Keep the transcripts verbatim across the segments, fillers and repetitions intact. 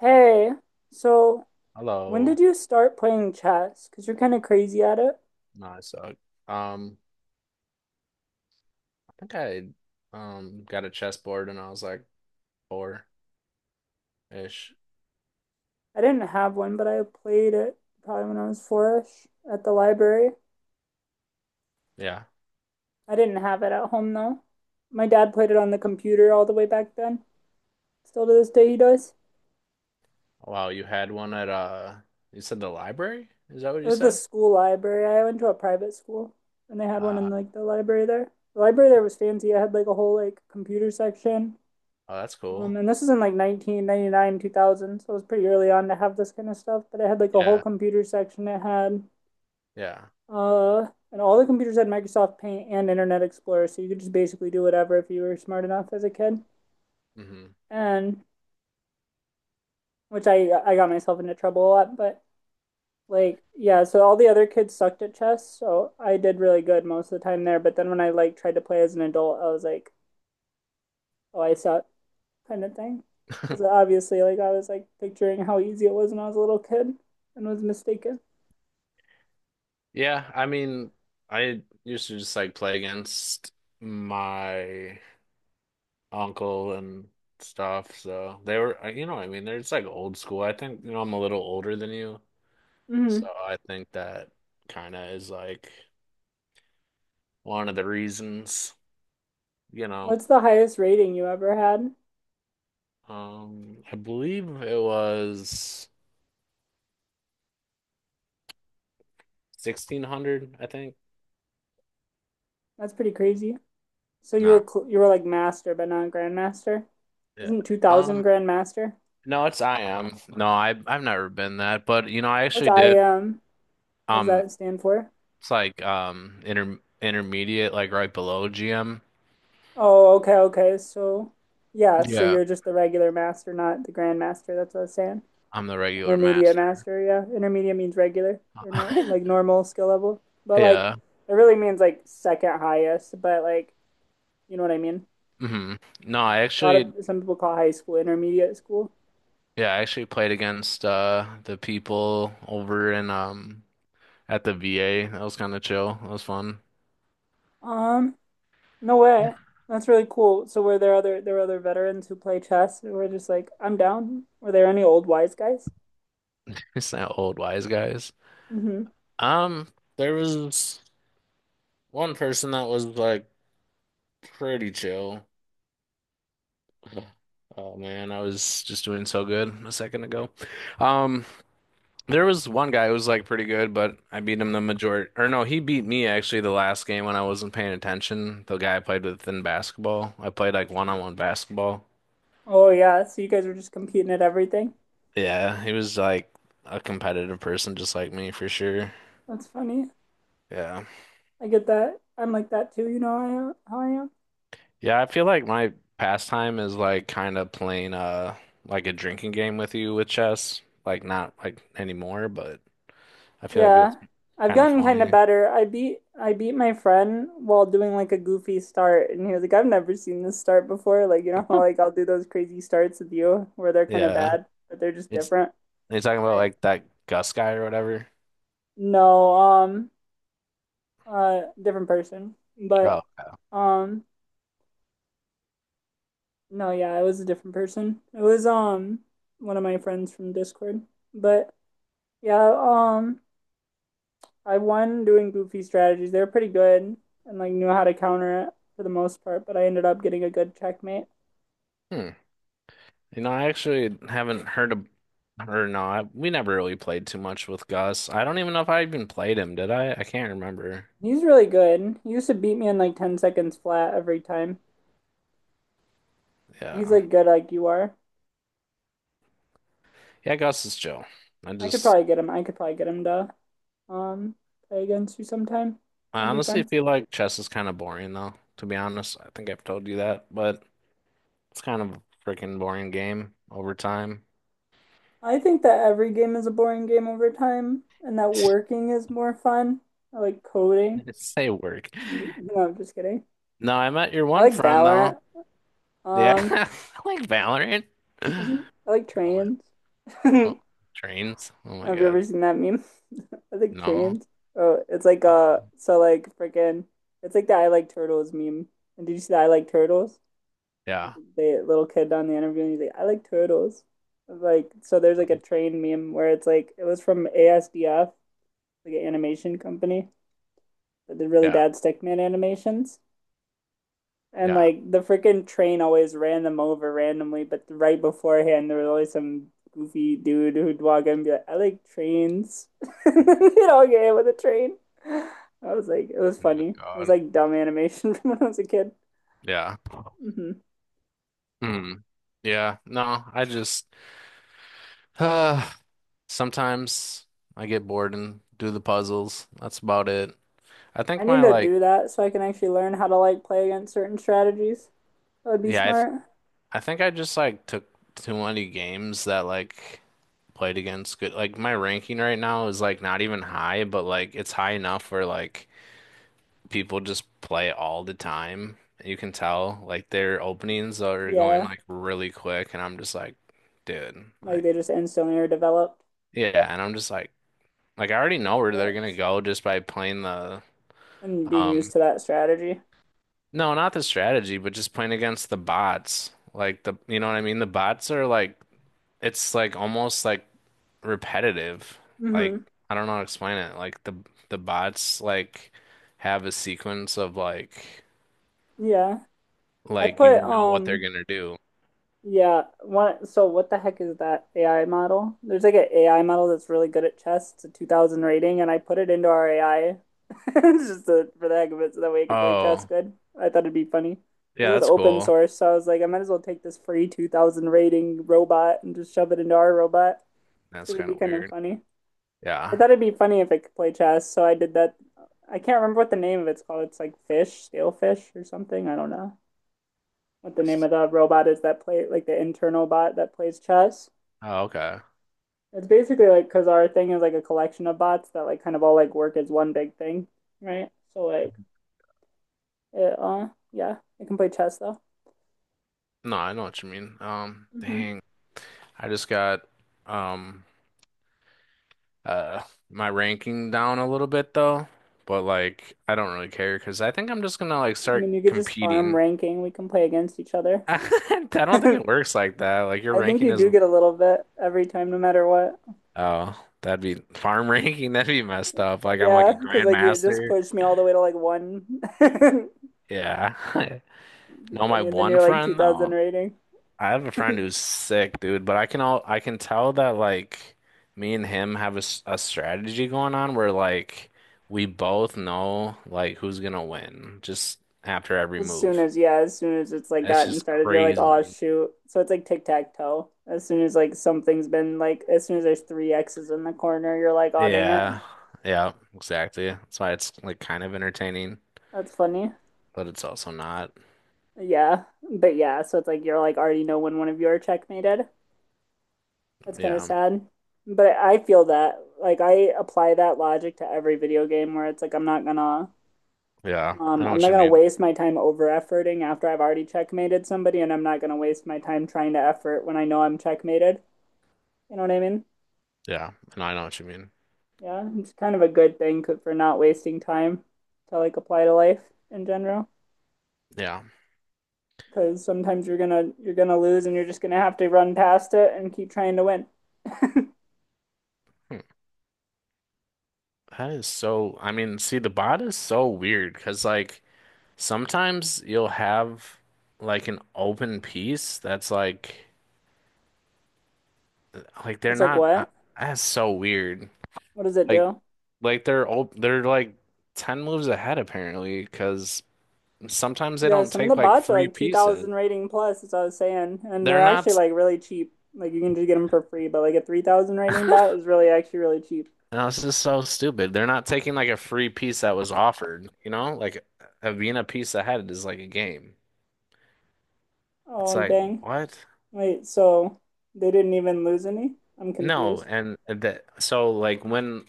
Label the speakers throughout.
Speaker 1: Hey, so when
Speaker 2: Hello.
Speaker 1: did you start playing chess? Because you're kind of crazy at it.
Speaker 2: No, I suck. Um, I think I um got a chessboard and I was like four ish.
Speaker 1: I didn't have one, but I played it probably when I was four-ish at the library.
Speaker 2: Yeah.
Speaker 1: I didn't have it at home though. My dad played it on the computer all the way back then. Still to this day, he does.
Speaker 2: Oh, wow, you had one at uh you said the library? Is that what
Speaker 1: It
Speaker 2: you
Speaker 1: was the
Speaker 2: said?
Speaker 1: school library. I went to a private school, and they had one
Speaker 2: Uh,
Speaker 1: in like the library there. The library there was fancy. It had like a whole like computer section.
Speaker 2: oh, that's
Speaker 1: Um,
Speaker 2: cool.
Speaker 1: and this is in like nineteen ninety-nine, two thousand, so it was pretty early on to have this kind of stuff. But it had like a whole
Speaker 2: Yeah.
Speaker 1: computer section. It had,
Speaker 2: Yeah.
Speaker 1: uh, and all the computers had Microsoft Paint and Internet Explorer, so you could just basically do whatever if you were smart enough as a kid.
Speaker 2: Hmm.
Speaker 1: And which I I got myself into trouble a lot, but like yeah, so all the other kids sucked at chess, so I did really good most of the time there. But then when I like tried to play as an adult, I was like, oh, I suck. kind of thing. Because obviously, like, I was like picturing how easy it was when I was a little kid and was mistaken.
Speaker 2: Yeah, I mean, I used to just like play against my uncle and stuff. So they were, uh, you know, what I mean, they're just like old school. I think, you know, I'm a little older than you. So
Speaker 1: Mm-hmm.
Speaker 2: I think that kind of is like one of the reasons, you know.
Speaker 1: What's the highest rating you ever had?
Speaker 2: Um, I believe it was sixteen hundred, I think.
Speaker 1: That's pretty crazy. So you
Speaker 2: No.
Speaker 1: were cl- you were like master, but not grandmaster.
Speaker 2: Yeah.
Speaker 1: Isn't two
Speaker 2: Um,
Speaker 1: thousand grandmaster?
Speaker 2: no, it's I am. No, I I've never been that, but you know, I
Speaker 1: What's
Speaker 2: actually did
Speaker 1: I M? What does
Speaker 2: um
Speaker 1: that stand for?
Speaker 2: it's like um inter intermediate like right below G M.
Speaker 1: Oh, okay, okay. So yeah, so
Speaker 2: Yeah.
Speaker 1: you're just the regular master, not the grandmaster. That's what I was saying.
Speaker 2: I'm the regular
Speaker 1: Intermediate
Speaker 2: master.
Speaker 1: master, yeah. Intermediate means regular or nor like normal skill level. But like
Speaker 2: Yeah.
Speaker 1: it really means like second highest, but like you know what I mean?
Speaker 2: Hmm. No, I
Speaker 1: A lot of
Speaker 2: actually
Speaker 1: some people call high school intermediate school.
Speaker 2: yeah, I actually played against uh the people over in um at the V A. That was kind of chill. That was fun.
Speaker 1: Um, no way. That's really cool. So were there other there were other veterans who play chess who were just like, I'm down. Were there any old wise guys?
Speaker 2: We sound old wise guys.
Speaker 1: Mm-hmm.
Speaker 2: Um, there was one person that was like pretty chill. Oh man, I was just doing so good a second ago. Um, there was one guy who was like pretty good, but I beat him the majority, or no, he beat me actually the last game when I wasn't paying attention. The guy I played with in basketball, I played like one-on-one basketball.
Speaker 1: Oh yeah, so you guys were just competing at everything.
Speaker 2: Yeah, he was like a competitive person just like me for sure.
Speaker 1: That's funny.
Speaker 2: Yeah.
Speaker 1: I get that. I'm like that too, you know how I am how I am.
Speaker 2: Yeah, I feel like my pastime is like kind of playing uh like a drinking game with you with chess. Like not like anymore, but I feel like it was
Speaker 1: Yeah, I've
Speaker 2: kind of
Speaker 1: gotten kind of
Speaker 2: funny.
Speaker 1: better. I beat I beat my friend while doing like a goofy start, and he was like, "I've never seen this start before." Like, you know how like I'll do those crazy starts with you where they're kind of
Speaker 2: Yeah.
Speaker 1: bad, but they're just
Speaker 2: It's
Speaker 1: different.
Speaker 2: are you talking about
Speaker 1: Right.
Speaker 2: like that Gus guy or whatever.
Speaker 1: No, um, uh, different person,
Speaker 2: Oh.
Speaker 1: but um, no, yeah, it was a different person. It was um one of my friends from Discord, but yeah, um. I won doing goofy strategies. They were pretty good and like knew how to counter it for the most part, but I ended up getting a good checkmate.
Speaker 2: Hmm. You know, I actually haven't heard of or no, I, we never really played too much with Gus. I don't even know if I even played him, did I? I can't remember.
Speaker 1: He's really good. He used to beat me in like ten seconds flat every time. He's
Speaker 2: Yeah.
Speaker 1: like good like you are.
Speaker 2: Yeah, Gus is chill. I
Speaker 1: I could
Speaker 2: just
Speaker 1: probably get him. I could probably get him to um play against you sometime.
Speaker 2: I
Speaker 1: That'd be
Speaker 2: honestly
Speaker 1: fun.
Speaker 2: feel like chess is kind of boring though, to be honest. I think I've told you that, but it's kind of a freaking boring game over time.
Speaker 1: I think that every game is a boring game over time and that working is more fun. I like coding.
Speaker 2: Say work.
Speaker 1: No, I'm just kidding.
Speaker 2: No, I met your
Speaker 1: I
Speaker 2: one
Speaker 1: like
Speaker 2: friend though.
Speaker 1: Valorant.
Speaker 2: Yeah,
Speaker 1: Um,
Speaker 2: I like Valorant.
Speaker 1: I
Speaker 2: Oh
Speaker 1: like
Speaker 2: my,
Speaker 1: trains.
Speaker 2: oh, trains. Oh my
Speaker 1: Have you
Speaker 2: God.
Speaker 1: ever seen that meme? I think
Speaker 2: No.
Speaker 1: trains. Oh, it's like uh,
Speaker 2: Um,
Speaker 1: so like freaking, it's like the I like turtles meme. And did you see the I like turtles? Like,
Speaker 2: yeah,
Speaker 1: the little kid on the interview, and he's like, I like turtles. Like, so there's like a train meme where it's like it was from A S D F, like an animation company that did really
Speaker 2: yeah,
Speaker 1: bad stickman animations, and
Speaker 2: yeah.
Speaker 1: like the freaking train always ran them over randomly, but right beforehand there was always some goofy dude who'd walk in and be like, I like trains. You know, get hit with a train. I was like, it was
Speaker 2: Oh my
Speaker 1: funny. It was
Speaker 2: God.
Speaker 1: like dumb animation from when I was a kid.
Speaker 2: Yeah.
Speaker 1: Hmm.
Speaker 2: Hmm. Yeah. No, I just uh, sometimes I get bored and do the puzzles. That's about it. I
Speaker 1: I
Speaker 2: think
Speaker 1: need
Speaker 2: my
Speaker 1: to
Speaker 2: like,
Speaker 1: do that so I can actually learn how to like play against certain strategies. That would be
Speaker 2: yeah,
Speaker 1: smart.
Speaker 2: I think I just like took too many games that like played against good like my ranking right now is like not even high, but like it's high enough where like people just play all the time. You can tell like their openings are going
Speaker 1: Yeah,
Speaker 2: like really quick and I'm just like, dude,
Speaker 1: like
Speaker 2: like
Speaker 1: they just instantly are developed.
Speaker 2: yeah, and I'm just like like I already know where they're gonna go just by playing the
Speaker 1: And being used
Speaker 2: um
Speaker 1: to that strategy.
Speaker 2: no, not the strategy, but just playing against the bots. Like the you know what I mean? The bots are like it's like almost like repetitive. Like
Speaker 1: Hmm.
Speaker 2: I don't know how to explain it. Like the the bots like have a sequence of like
Speaker 1: Yeah. I
Speaker 2: like you
Speaker 1: put
Speaker 2: know what they're
Speaker 1: um
Speaker 2: gonna do.
Speaker 1: Yeah, one, so what the heck is that A I model? There's like an A I model that's really good at chess. It's a two thousand rating, and I put it into our A I just to, for the heck of it, so that way it could play chess
Speaker 2: Oh,
Speaker 1: good. I thought it'd be funny. 'Cause it
Speaker 2: yeah,
Speaker 1: was
Speaker 2: that's
Speaker 1: open
Speaker 2: cool.
Speaker 1: source, so I was like, I might as well take this free two thousand rating robot and just shove it into our robot
Speaker 2: That's
Speaker 1: because it'd
Speaker 2: kind
Speaker 1: be
Speaker 2: of
Speaker 1: kind of
Speaker 2: weird.
Speaker 1: funny. I
Speaker 2: Yeah.
Speaker 1: thought it'd be funny if it could play chess, so I did that. I can't remember what the name of it's called. It's like Fish, Stale Fish or something. I don't know what the name of the robot is that play like the internal bot that plays chess.
Speaker 2: Oh, okay.
Speaker 1: It's basically like because our thing is like a collection of bots that like kind of all like work as one big thing, right? So like it, uh, yeah, it can play chess though.
Speaker 2: No, I know what you mean. Um,
Speaker 1: Mm-hmm.
Speaker 2: dang. I just got um uh my ranking down a little bit though, but like I don't really care because I think I'm just gonna like
Speaker 1: I
Speaker 2: start
Speaker 1: mean, you could just farm
Speaker 2: competing.
Speaker 1: ranking. We can play against each other.
Speaker 2: I don't think
Speaker 1: I
Speaker 2: it works like that. Like your
Speaker 1: think
Speaker 2: ranking
Speaker 1: you
Speaker 2: is
Speaker 1: do get a little bit every time, no matter what.
Speaker 2: oh, that'd be farm ranking. That'd be messed up. Like I'm like
Speaker 1: Yeah,
Speaker 2: a
Speaker 1: because like it just
Speaker 2: grandmaster.
Speaker 1: pushed me all the way to like one. It'd
Speaker 2: Yeah.
Speaker 1: be
Speaker 2: No, my
Speaker 1: funny, and then
Speaker 2: one
Speaker 1: you're like two
Speaker 2: friend
Speaker 1: thousand
Speaker 2: though.
Speaker 1: rating.
Speaker 2: I have a friend who's sick, dude. But I can all I can tell that like me and him have a, s- a strategy going on where like we both know like who's gonna win just after every
Speaker 1: As soon
Speaker 2: move.
Speaker 1: as, yeah, as soon as it's like
Speaker 2: It's
Speaker 1: gotten
Speaker 2: just
Speaker 1: started, you're like, oh
Speaker 2: crazy.
Speaker 1: shoot. So it's like tic-tac-toe. As soon as like something's been like, as soon as there's three X's in the corner, you're like, oh dang it.
Speaker 2: Yeah. Yeah. Exactly. That's why it's like kind of entertaining,
Speaker 1: That's funny.
Speaker 2: but it's also not.
Speaker 1: Yeah. But yeah, so it's like you're like already know when one of you are checkmated. That's kind of
Speaker 2: Yeah.
Speaker 1: sad. But I feel that like I apply that logic to every video game where it's like I'm not gonna
Speaker 2: Yeah. I
Speaker 1: um
Speaker 2: know
Speaker 1: I'm
Speaker 2: what
Speaker 1: not
Speaker 2: you
Speaker 1: gonna
Speaker 2: mean.
Speaker 1: waste my time over efforting after I've already checkmated somebody and I'm not gonna waste my time trying to effort when I know I'm checkmated. You know what I mean?
Speaker 2: Yeah, and I know what you mean.
Speaker 1: Yeah, it's kind of a good thing for not wasting time to like apply to life in general
Speaker 2: Yeah.
Speaker 1: because sometimes you're gonna you're gonna lose and you're just gonna have to run past it and keep trying to win.
Speaker 2: Hmm. That is so, I mean, see, the bot is so weird because, like, sometimes you'll have, like, an open piece that's, like, like, they're
Speaker 1: It's like
Speaker 2: not, uh,
Speaker 1: what?
Speaker 2: that's so weird.
Speaker 1: What does it
Speaker 2: Like,
Speaker 1: do?
Speaker 2: like, they're, op they're, like, ten moves ahead, apparently, because sometimes they
Speaker 1: Yeah,
Speaker 2: don't
Speaker 1: some of the
Speaker 2: take, like,
Speaker 1: bots are
Speaker 2: free
Speaker 1: like
Speaker 2: pieces.
Speaker 1: two thousand rating plus, as I was saying, and
Speaker 2: They're
Speaker 1: they're actually
Speaker 2: not,
Speaker 1: like really cheap. Like you can just get them for free, but like a three thousand rating bot is really actually really cheap.
Speaker 2: no, this is so stupid. They're not taking, like, a free piece that was offered, you know? Like, a being a piece ahead is, like, a game. It's
Speaker 1: Oh,
Speaker 2: like,
Speaker 1: dang.
Speaker 2: what?
Speaker 1: Wait, so they didn't even lose any? I'm
Speaker 2: No,
Speaker 1: confused.
Speaker 2: and the so like when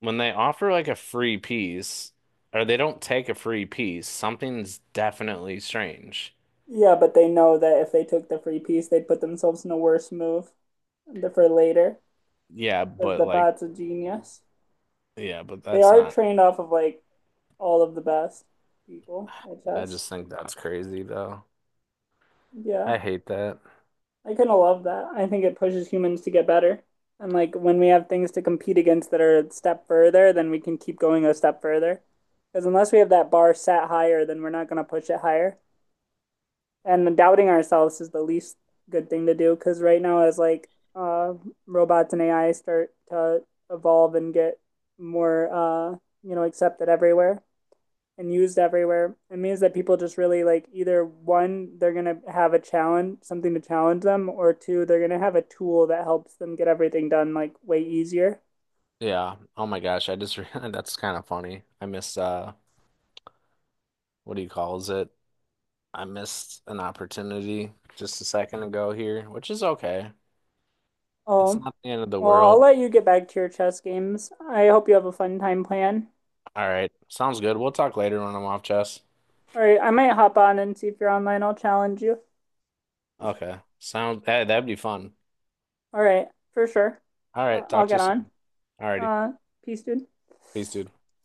Speaker 2: when they offer like a free piece or they don't take a free piece, something's definitely strange.
Speaker 1: Yeah, but they know that if they took the free piece, they'd put themselves in a worse move for later
Speaker 2: Yeah,
Speaker 1: because
Speaker 2: but
Speaker 1: the
Speaker 2: like
Speaker 1: bot's a genius.
Speaker 2: yeah, but
Speaker 1: They
Speaker 2: that's
Speaker 1: are
Speaker 2: not.
Speaker 1: trained off of like all of the best people at
Speaker 2: I
Speaker 1: chess.
Speaker 2: just think that's crazy though.
Speaker 1: Yeah.
Speaker 2: I hate that.
Speaker 1: I kind of love that. I think it pushes humans to get better. And like when we have things to compete against that are a step further, then we can keep going a step further. Because unless we have that bar set higher, then we're not going to push it higher. And doubting ourselves is the least good thing to do. Because right now, as like uh, robots and A I start to evolve and get more, uh, you know, accepted everywhere, and used everywhere. It means that people just really like either one, they're gonna have a challenge, something to challenge them, or two, they're gonna have a tool that helps them get everything done like way easier.
Speaker 2: Yeah. Oh my gosh, I just realized that's kind of funny. I missed uh what do you calls it? I missed an opportunity just a second ago here, which is okay. It's
Speaker 1: Oh,
Speaker 2: not the end of the
Speaker 1: well, I'll
Speaker 2: world.
Speaker 1: let you get back to your chess games. I hope you have a fun time playing.
Speaker 2: All right. Sounds good. We'll talk later when I'm off, chess.
Speaker 1: All right, I might hop on and see if you're online. I'll challenge you.
Speaker 2: Okay. Sound that that'd be fun.
Speaker 1: All right, for sure.
Speaker 2: All
Speaker 1: Uh,
Speaker 2: right,
Speaker 1: I'll
Speaker 2: talk to
Speaker 1: get
Speaker 2: you
Speaker 1: on.
Speaker 2: soon. All righty.
Speaker 1: Uh, Peace, dude.
Speaker 2: Peace, dude.